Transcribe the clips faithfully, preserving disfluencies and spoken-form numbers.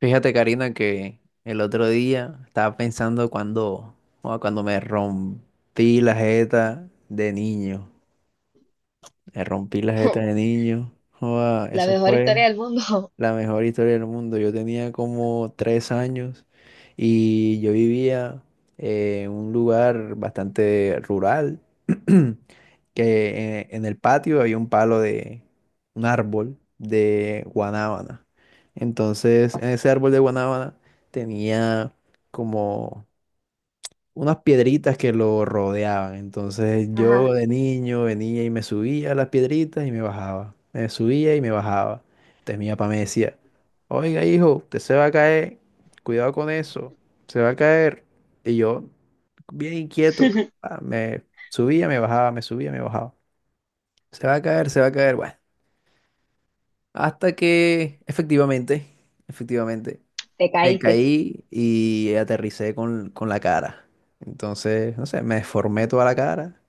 Fíjate, Karina, que el otro día estaba pensando cuando, ah, cuando me rompí la jeta de niño. Me rompí la jeta de niño. Joda, La eso mejor historia fue del mundo. la mejor historia del mundo. Yo tenía como tres años y yo vivía eh, en un lugar bastante rural, que eh, en el patio había un palo de un árbol de guanábana. Entonces, en ese árbol de guanábana tenía como unas piedritas que lo rodeaban. Entonces yo Ajá, de niño venía y me subía a las piedritas y me bajaba. Me subía y me bajaba. Entonces mi papá me decía, oiga hijo, usted se va a caer, cuidado con eso, se va a caer. Y yo, bien inquieto, ah, me subía, me bajaba, me subía, me bajaba. Se va a caer, se va a caer. Bueno, hasta que efectivamente, efectivamente. te Me caíste. caí y aterricé con, con la cara. Entonces, no sé, me deformé toda la cara.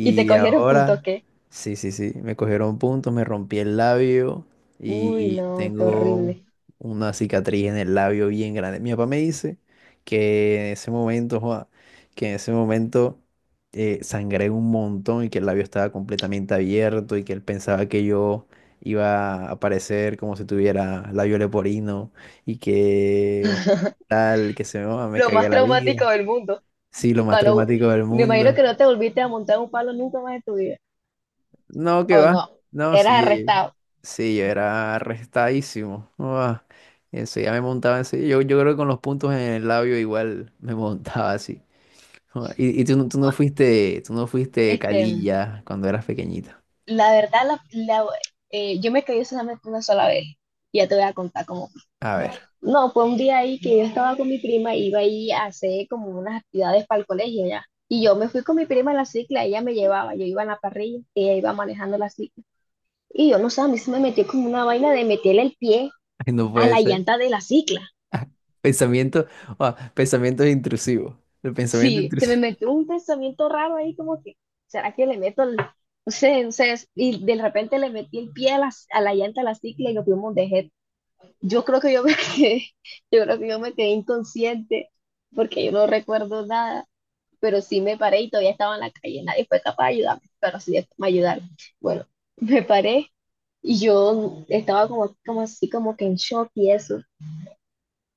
¿Y te cogieron punto ahora, qué? sí, sí, sí, me cogieron puntos, me rompí el labio Uy, y no, qué tengo horrible. una cicatriz en el labio bien grande. Mi papá me dice que en ese momento, joa, que en ese momento eh, sangré un montón y que el labio estaba completamente abierto y que él pensaba que yo iba a aparecer como si tuviera labio leporino y que tal, que se me, me Lo cagué más la traumático vida. del mundo. Sí, lo más Pa' no- traumático del me imagino mundo. que no te volviste a montar un palo nunca más en tu vida. No, que O va. no, No, eras sí, arrestado. sí, yo era arrestadísimo. Ah, eso ya me montaba así. Yo, yo creo que con los puntos en el labio igual me montaba así. Ah, Y, y tú, no- tú no fuiste, tú no fuiste Este, calilla cuando eras pequeñita. la verdad, la, la- eh, yo me caí solamente una sola vez. Y ya te voy a contar cómo. A ver, No, fue un día ahí que yo estaba con mi prima, iba ahí a hacer como unas actividades para el colegio ya. Y yo me fui con mi prima en la cicla, ella me llevaba, yo iba en la parrilla, ella iba manejando la cicla. Y yo no sé, a mí se me metió como una vaina de meterle el pie no a puede la ser. llanta de la cicla. Pensamiento, ah, pensamientos intrusivos. El pensamiento Sí, se me intrusivo. metió un pensamiento raro ahí como que, ¿será que le meto el, no sé, no sé, y de repente le metí el pie a la, a la llanta de la cicla y nos fuimos de jet. Yo creo que yo me quedé, yo creo que yo me quedé inconsciente porque yo no recuerdo nada. Pero sí me paré y todavía estaba en la calle, nadie fue capaz de ayudarme, pero sí me ayudaron. Bueno, me paré y yo estaba como, como así, como que en shock y eso,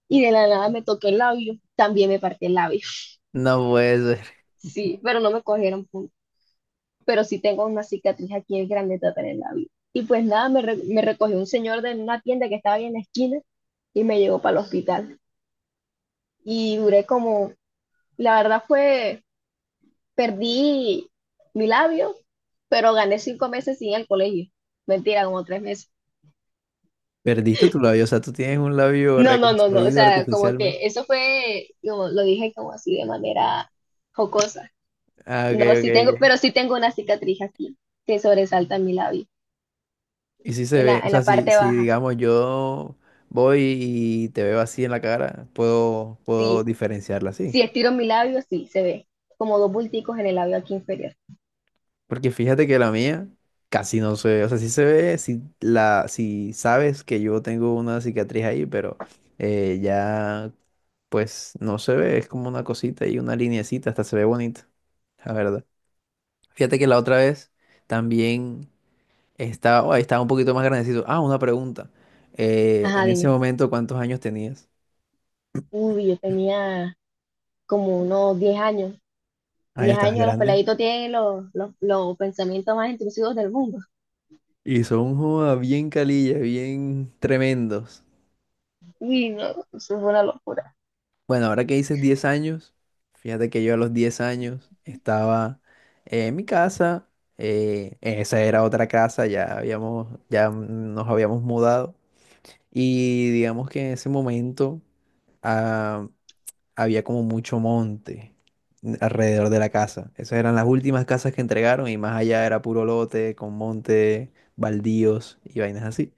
y de la nada me toqué el labio, también me partí el labio, No puede ser. sí, pero no me cogieron punto, pero sí tengo una cicatriz aquí en grande en el labio. Y pues nada, me, re- me recogió un señor de una tienda que estaba ahí en la esquina y me llevó para el hospital. Y duré como, la verdad fue, perdí mi labio, pero gané cinco meses sin ir al colegio. Mentira, como tres meses. Perdiste tu labio, o sea, tú tienes un labio No, no, no, no. O reconstruido sea, como artificialmente. que eso fue, como lo dije, como así de manera jocosa. Ah, ok, No, ok, sí tengo, ok. pero sí tengo una cicatriz aquí que sobresalta mi labio, Y si se en ve, la, o en sea, la si, parte si baja. digamos yo voy y te veo así en la cara, puedo, puedo Sí, diferenciarla así. si estiro mi labio, sí, se ve como dos bulticos en el labio aquí inferior. Porque fíjate que la mía casi no se ve, o sea, sí se ve, si, la, si sabes que yo tengo una cicatriz ahí, pero eh, ya pues no se ve, es como una cosita y una lineecita, hasta se ve bonita, la verdad. Fíjate que la otra vez también... Estaba, oh, estaba un poquito más grandecito. Ah, una pregunta. Eh, Ajá, en ese dime. momento, ¿cuántos años tenías? Uy, yo tenía como unos diez años. Ah, ya Diez estás años, los grande. peladitos tienen los, los, los pensamientos más intrusivos del mundo. Y son joda, bien calillas, bien tremendos. Uy, no, eso fue una locura. Bueno, ahora que dices diez años, fíjate que yo a los diez años estaba eh, en mi casa. Eh, esa era otra casa, ya habíamos, ya nos habíamos mudado. Y digamos que en ese momento. ah, Había como mucho monte alrededor de la casa. Esas eran las últimas casas que entregaron y más allá era puro lote con monte, baldíos y vainas así.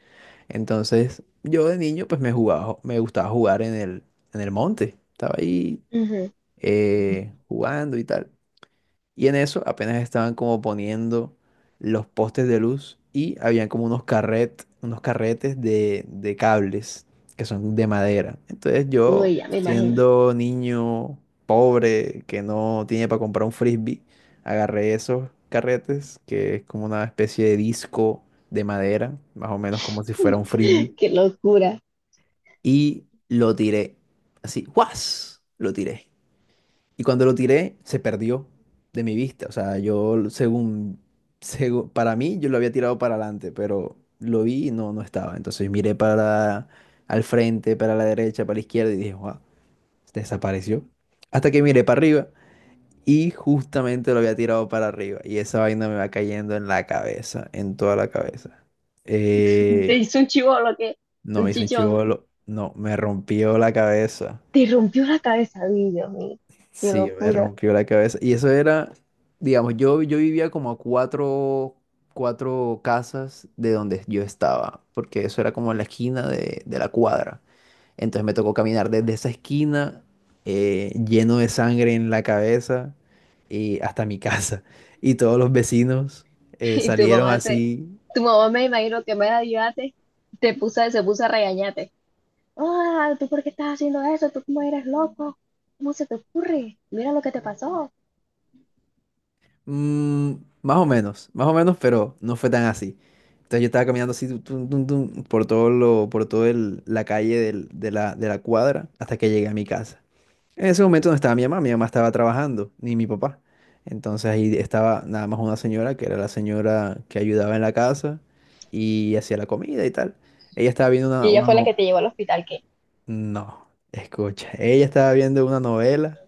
Entonces, yo de niño pues me jugaba, me gustaba jugar en el, en el monte. Estaba ahí Ujú. eh, jugando y tal. Y en eso apenas estaban como poniendo los postes de luz y habían como unos carret, unos carretes de, de cables que son de madera. Entonces yo, Uy, ya me imagino. siendo niño pobre que no tiene para comprar un frisbee, agarré esos carretes, que es como una especie de disco de madera, más o menos como si fuera un frisbee, Qué locura. y lo tiré. Así, ¡guas! Lo tiré. Y cuando lo tiré, se perdió de mi vista. O sea, yo, según, segu- para mí, yo lo había tirado para adelante, pero lo vi y no, no estaba. Entonces miré para al frente, para la derecha, para la izquierda y dije, wow, desapareció. Hasta que miré para arriba y justamente lo había tirado para arriba. Y esa vaina me va cayendo en la cabeza, en toda la cabeza. Te Eh, hizo un chivolo que, no un me hizo un chichón. chivolo, no, me rompió la cabeza. Te rompió la cabeza, uy, Dios mío. Qué Sí, me locura. rompió la cabeza. Y eso era, digamos, yo, yo vivía como a cuatro, cuatro casas de donde yo estaba, porque eso era como la esquina de, de la cuadra. Entonces me tocó caminar desde esa esquina, eh, lleno de sangre en la cabeza, y hasta mi casa. Y todos los vecinos eh, Y tu salieron mamá te, así. tu mamá, me imagino que me ayudaste, te puso, se puso a regañarte. Ah, ¿tú por qué estás haciendo eso? ¿Tú cómo eres loco? ¿Cómo se te ocurre? Mira lo que te pasó. Mm, más o menos, más o menos, pero no fue tan así. Entonces yo estaba caminando así tum, tum, tum, tum, por todo lo, por todo el- la calle del- de la, de la cuadra hasta que llegué a mi casa. En ese momento no estaba mi mamá, mi mamá estaba trabajando, ni mi papá. Entonces ahí estaba nada más una señora, que era la señora que ayudaba en la casa y hacía la comida y tal. Ella estaba viendo Y una, ella una fue la no, que te llevó al hospital, qué. no, escucha, ella estaba viendo una novela.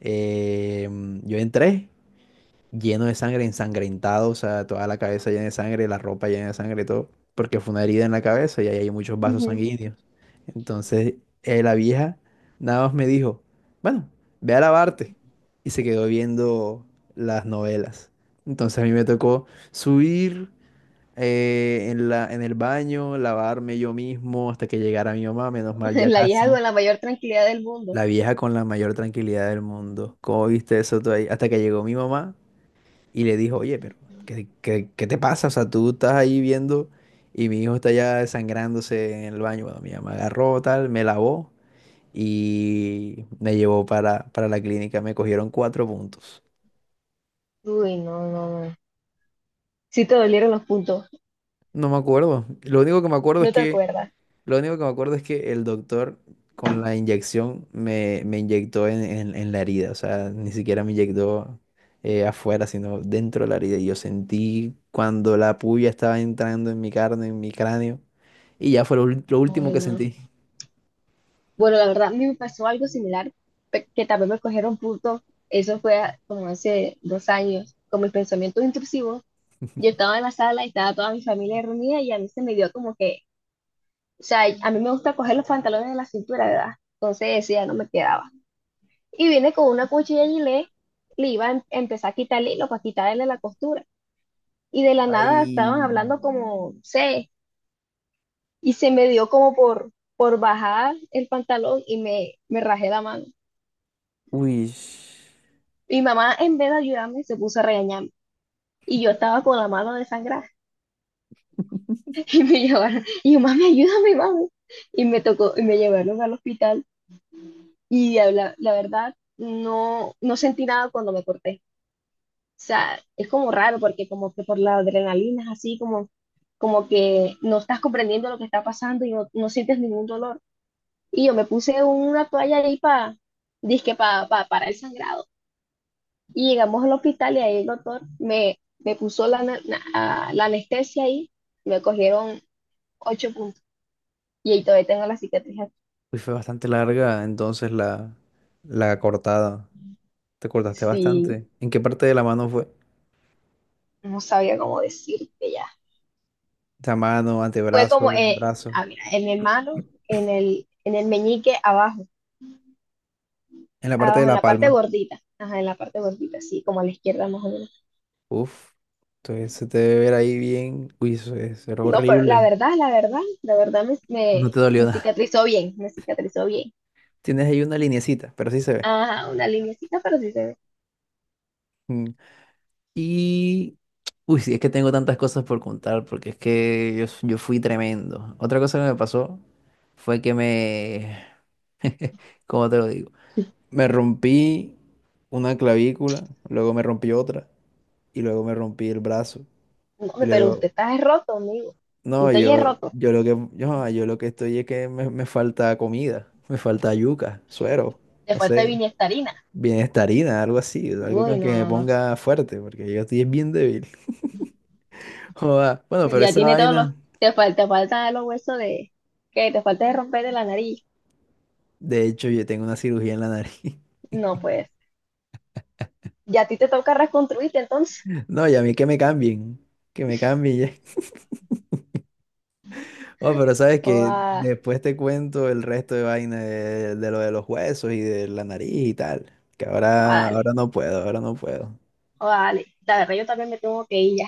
eh, yo entré lleno de sangre, ensangrentado, o sea, toda la cabeza llena de sangre, la ropa llena de sangre, todo, porque fue una herida en la cabeza y ahí hay muchos vasos Ujú. sanguíneos. Entonces, eh, la vieja nada más me dijo, bueno, ve a lavarte. Y se quedó viendo las novelas. Entonces a mí me tocó subir eh, en la, en el baño, lavarme yo mismo hasta que llegara mi mamá, menos mal ya La vieja casi. con la mayor tranquilidad del mundo. La vieja con la mayor tranquilidad del mundo. ¿Cómo viste eso tú ahí? Hasta que llegó mi mamá y le dijo, oye, pero ¿qué, qué- qué te pasa? O sea, tú estás ahí viendo y mi hijo está ya desangrándose en el baño. Bueno, mi mamá agarró tal, me lavó y me llevó para, para la clínica. Me cogieron cuatro puntos. Uy, no, no, no. Sí te dolieron los puntos. No me acuerdo. Lo único que me acuerdo es No te que, acuerdas. lo único que me acuerdo es que el doctor con la inyección me, me inyectó en, en- en la herida. O sea, ni siquiera me inyectó eh, afuera, sino dentro de la herida. Y yo sentí cuando la puya estaba entrando en mi carne, en mi cráneo. Y ya fue lo, ul- lo último Ay, que no. sentí. Bueno, la verdad, a mí me pasó algo similar, pe- que también me cogieron puntos. Eso fue a- como hace dos años, con mis pensamientos intrusivos. Yo estaba en la sala y estaba toda mi familia reunida y a mí se me dio como que, o sea, a mí me gusta coger los pantalones de la cintura, ¿verdad? Entonces ese ya no me quedaba. Y viene con una cuchilla y le, le iba a em- empezar a quitar el hilo para quitarle la costura. Y de la nada Ay, estaban hablando como, no sé, y se me dio como por, por bajar el pantalón y me, me rajé la mano. uy, Mi mamá, en vez de ayudarme, se puso a regañarme. Y yo estaba con la mano desangrada y me llevaron, y yo, mami, ayúdame, mami. Y me tocó, y me llevaron al hospital. Y la, la verdad, no, no sentí nada cuando me corté. O sea, es como raro porque como que por la adrenalina es así como, como que no estás comprendiendo lo que está pasando y no, no sientes ningún dolor. Y yo me puse una toalla ahí para, dizque pa, pa- para el sangrado. Y llegamos al hospital y ahí el doctor me, me puso la, ana- na- a- la anestesia ahí. Me cogieron ocho puntos. Y ahí todavía tengo la cicatriz aquí. uy, fue bastante larga entonces la, la cortada. Te cortaste Sí, bastante. ¿En qué parte de la mano fue? no sabía cómo decirte ya. La mano, Fue como, antebrazo, eh, brazo. ah, mira, en mi mano, en el, en el meñique abajo, En la parte de abajo, en la la parte palma. gordita. Ajá, en la parte gordita, sí, como a la izquierda más o menos. Uf. Entonces se te debe ver ahí bien. Uy, eso es, era No, pero la horrible. verdad, la verdad, la verdad me, No me, te dolió me nada. cicatrizó bien, me cicatrizó bien. Tienes ahí una linecita, pero sí se ve. Ajá, una linecita, pero sí se ve. Y, uy, sí, es que tengo tantas cosas por contar, porque es que yo, s- yo fui tremendo. Otra cosa que me pasó fue que me, ¿cómo te lo digo? Me rompí una clavícula, luego me rompí otra, y luego me rompí el brazo. No, Y hombre, pero usted luego, está roto, amigo. no, Usted ya es yo, roto. yo lo que, yo, yo lo que estoy es que me, me falta comida, me falta yuca, suero, Te no falta sé, vinestarina. bienestarina, algo así, algo Uy, que, que no, me no, no. ponga fuerte, porque yo estoy bien débil. Joda. Bueno, pero Ya esa tiene todos los. vaina, Te falta, te falta los huesos de. ¿Qué? Te falta de romper de la nariz. de hecho, yo tengo una cirugía en la nariz. No, pues. Ya a ti te toca reconstruirte entonces. No, y a mí que me cambien, que me cambien ya. Oh, pero sabes O que a, después te cuento el resto de vaina de, de lo de los huesos y de la nariz y tal. Que ahora, dale. ahora no puedo, ahora no puedo. O dale. La verdad, yo también me tengo que ir ya.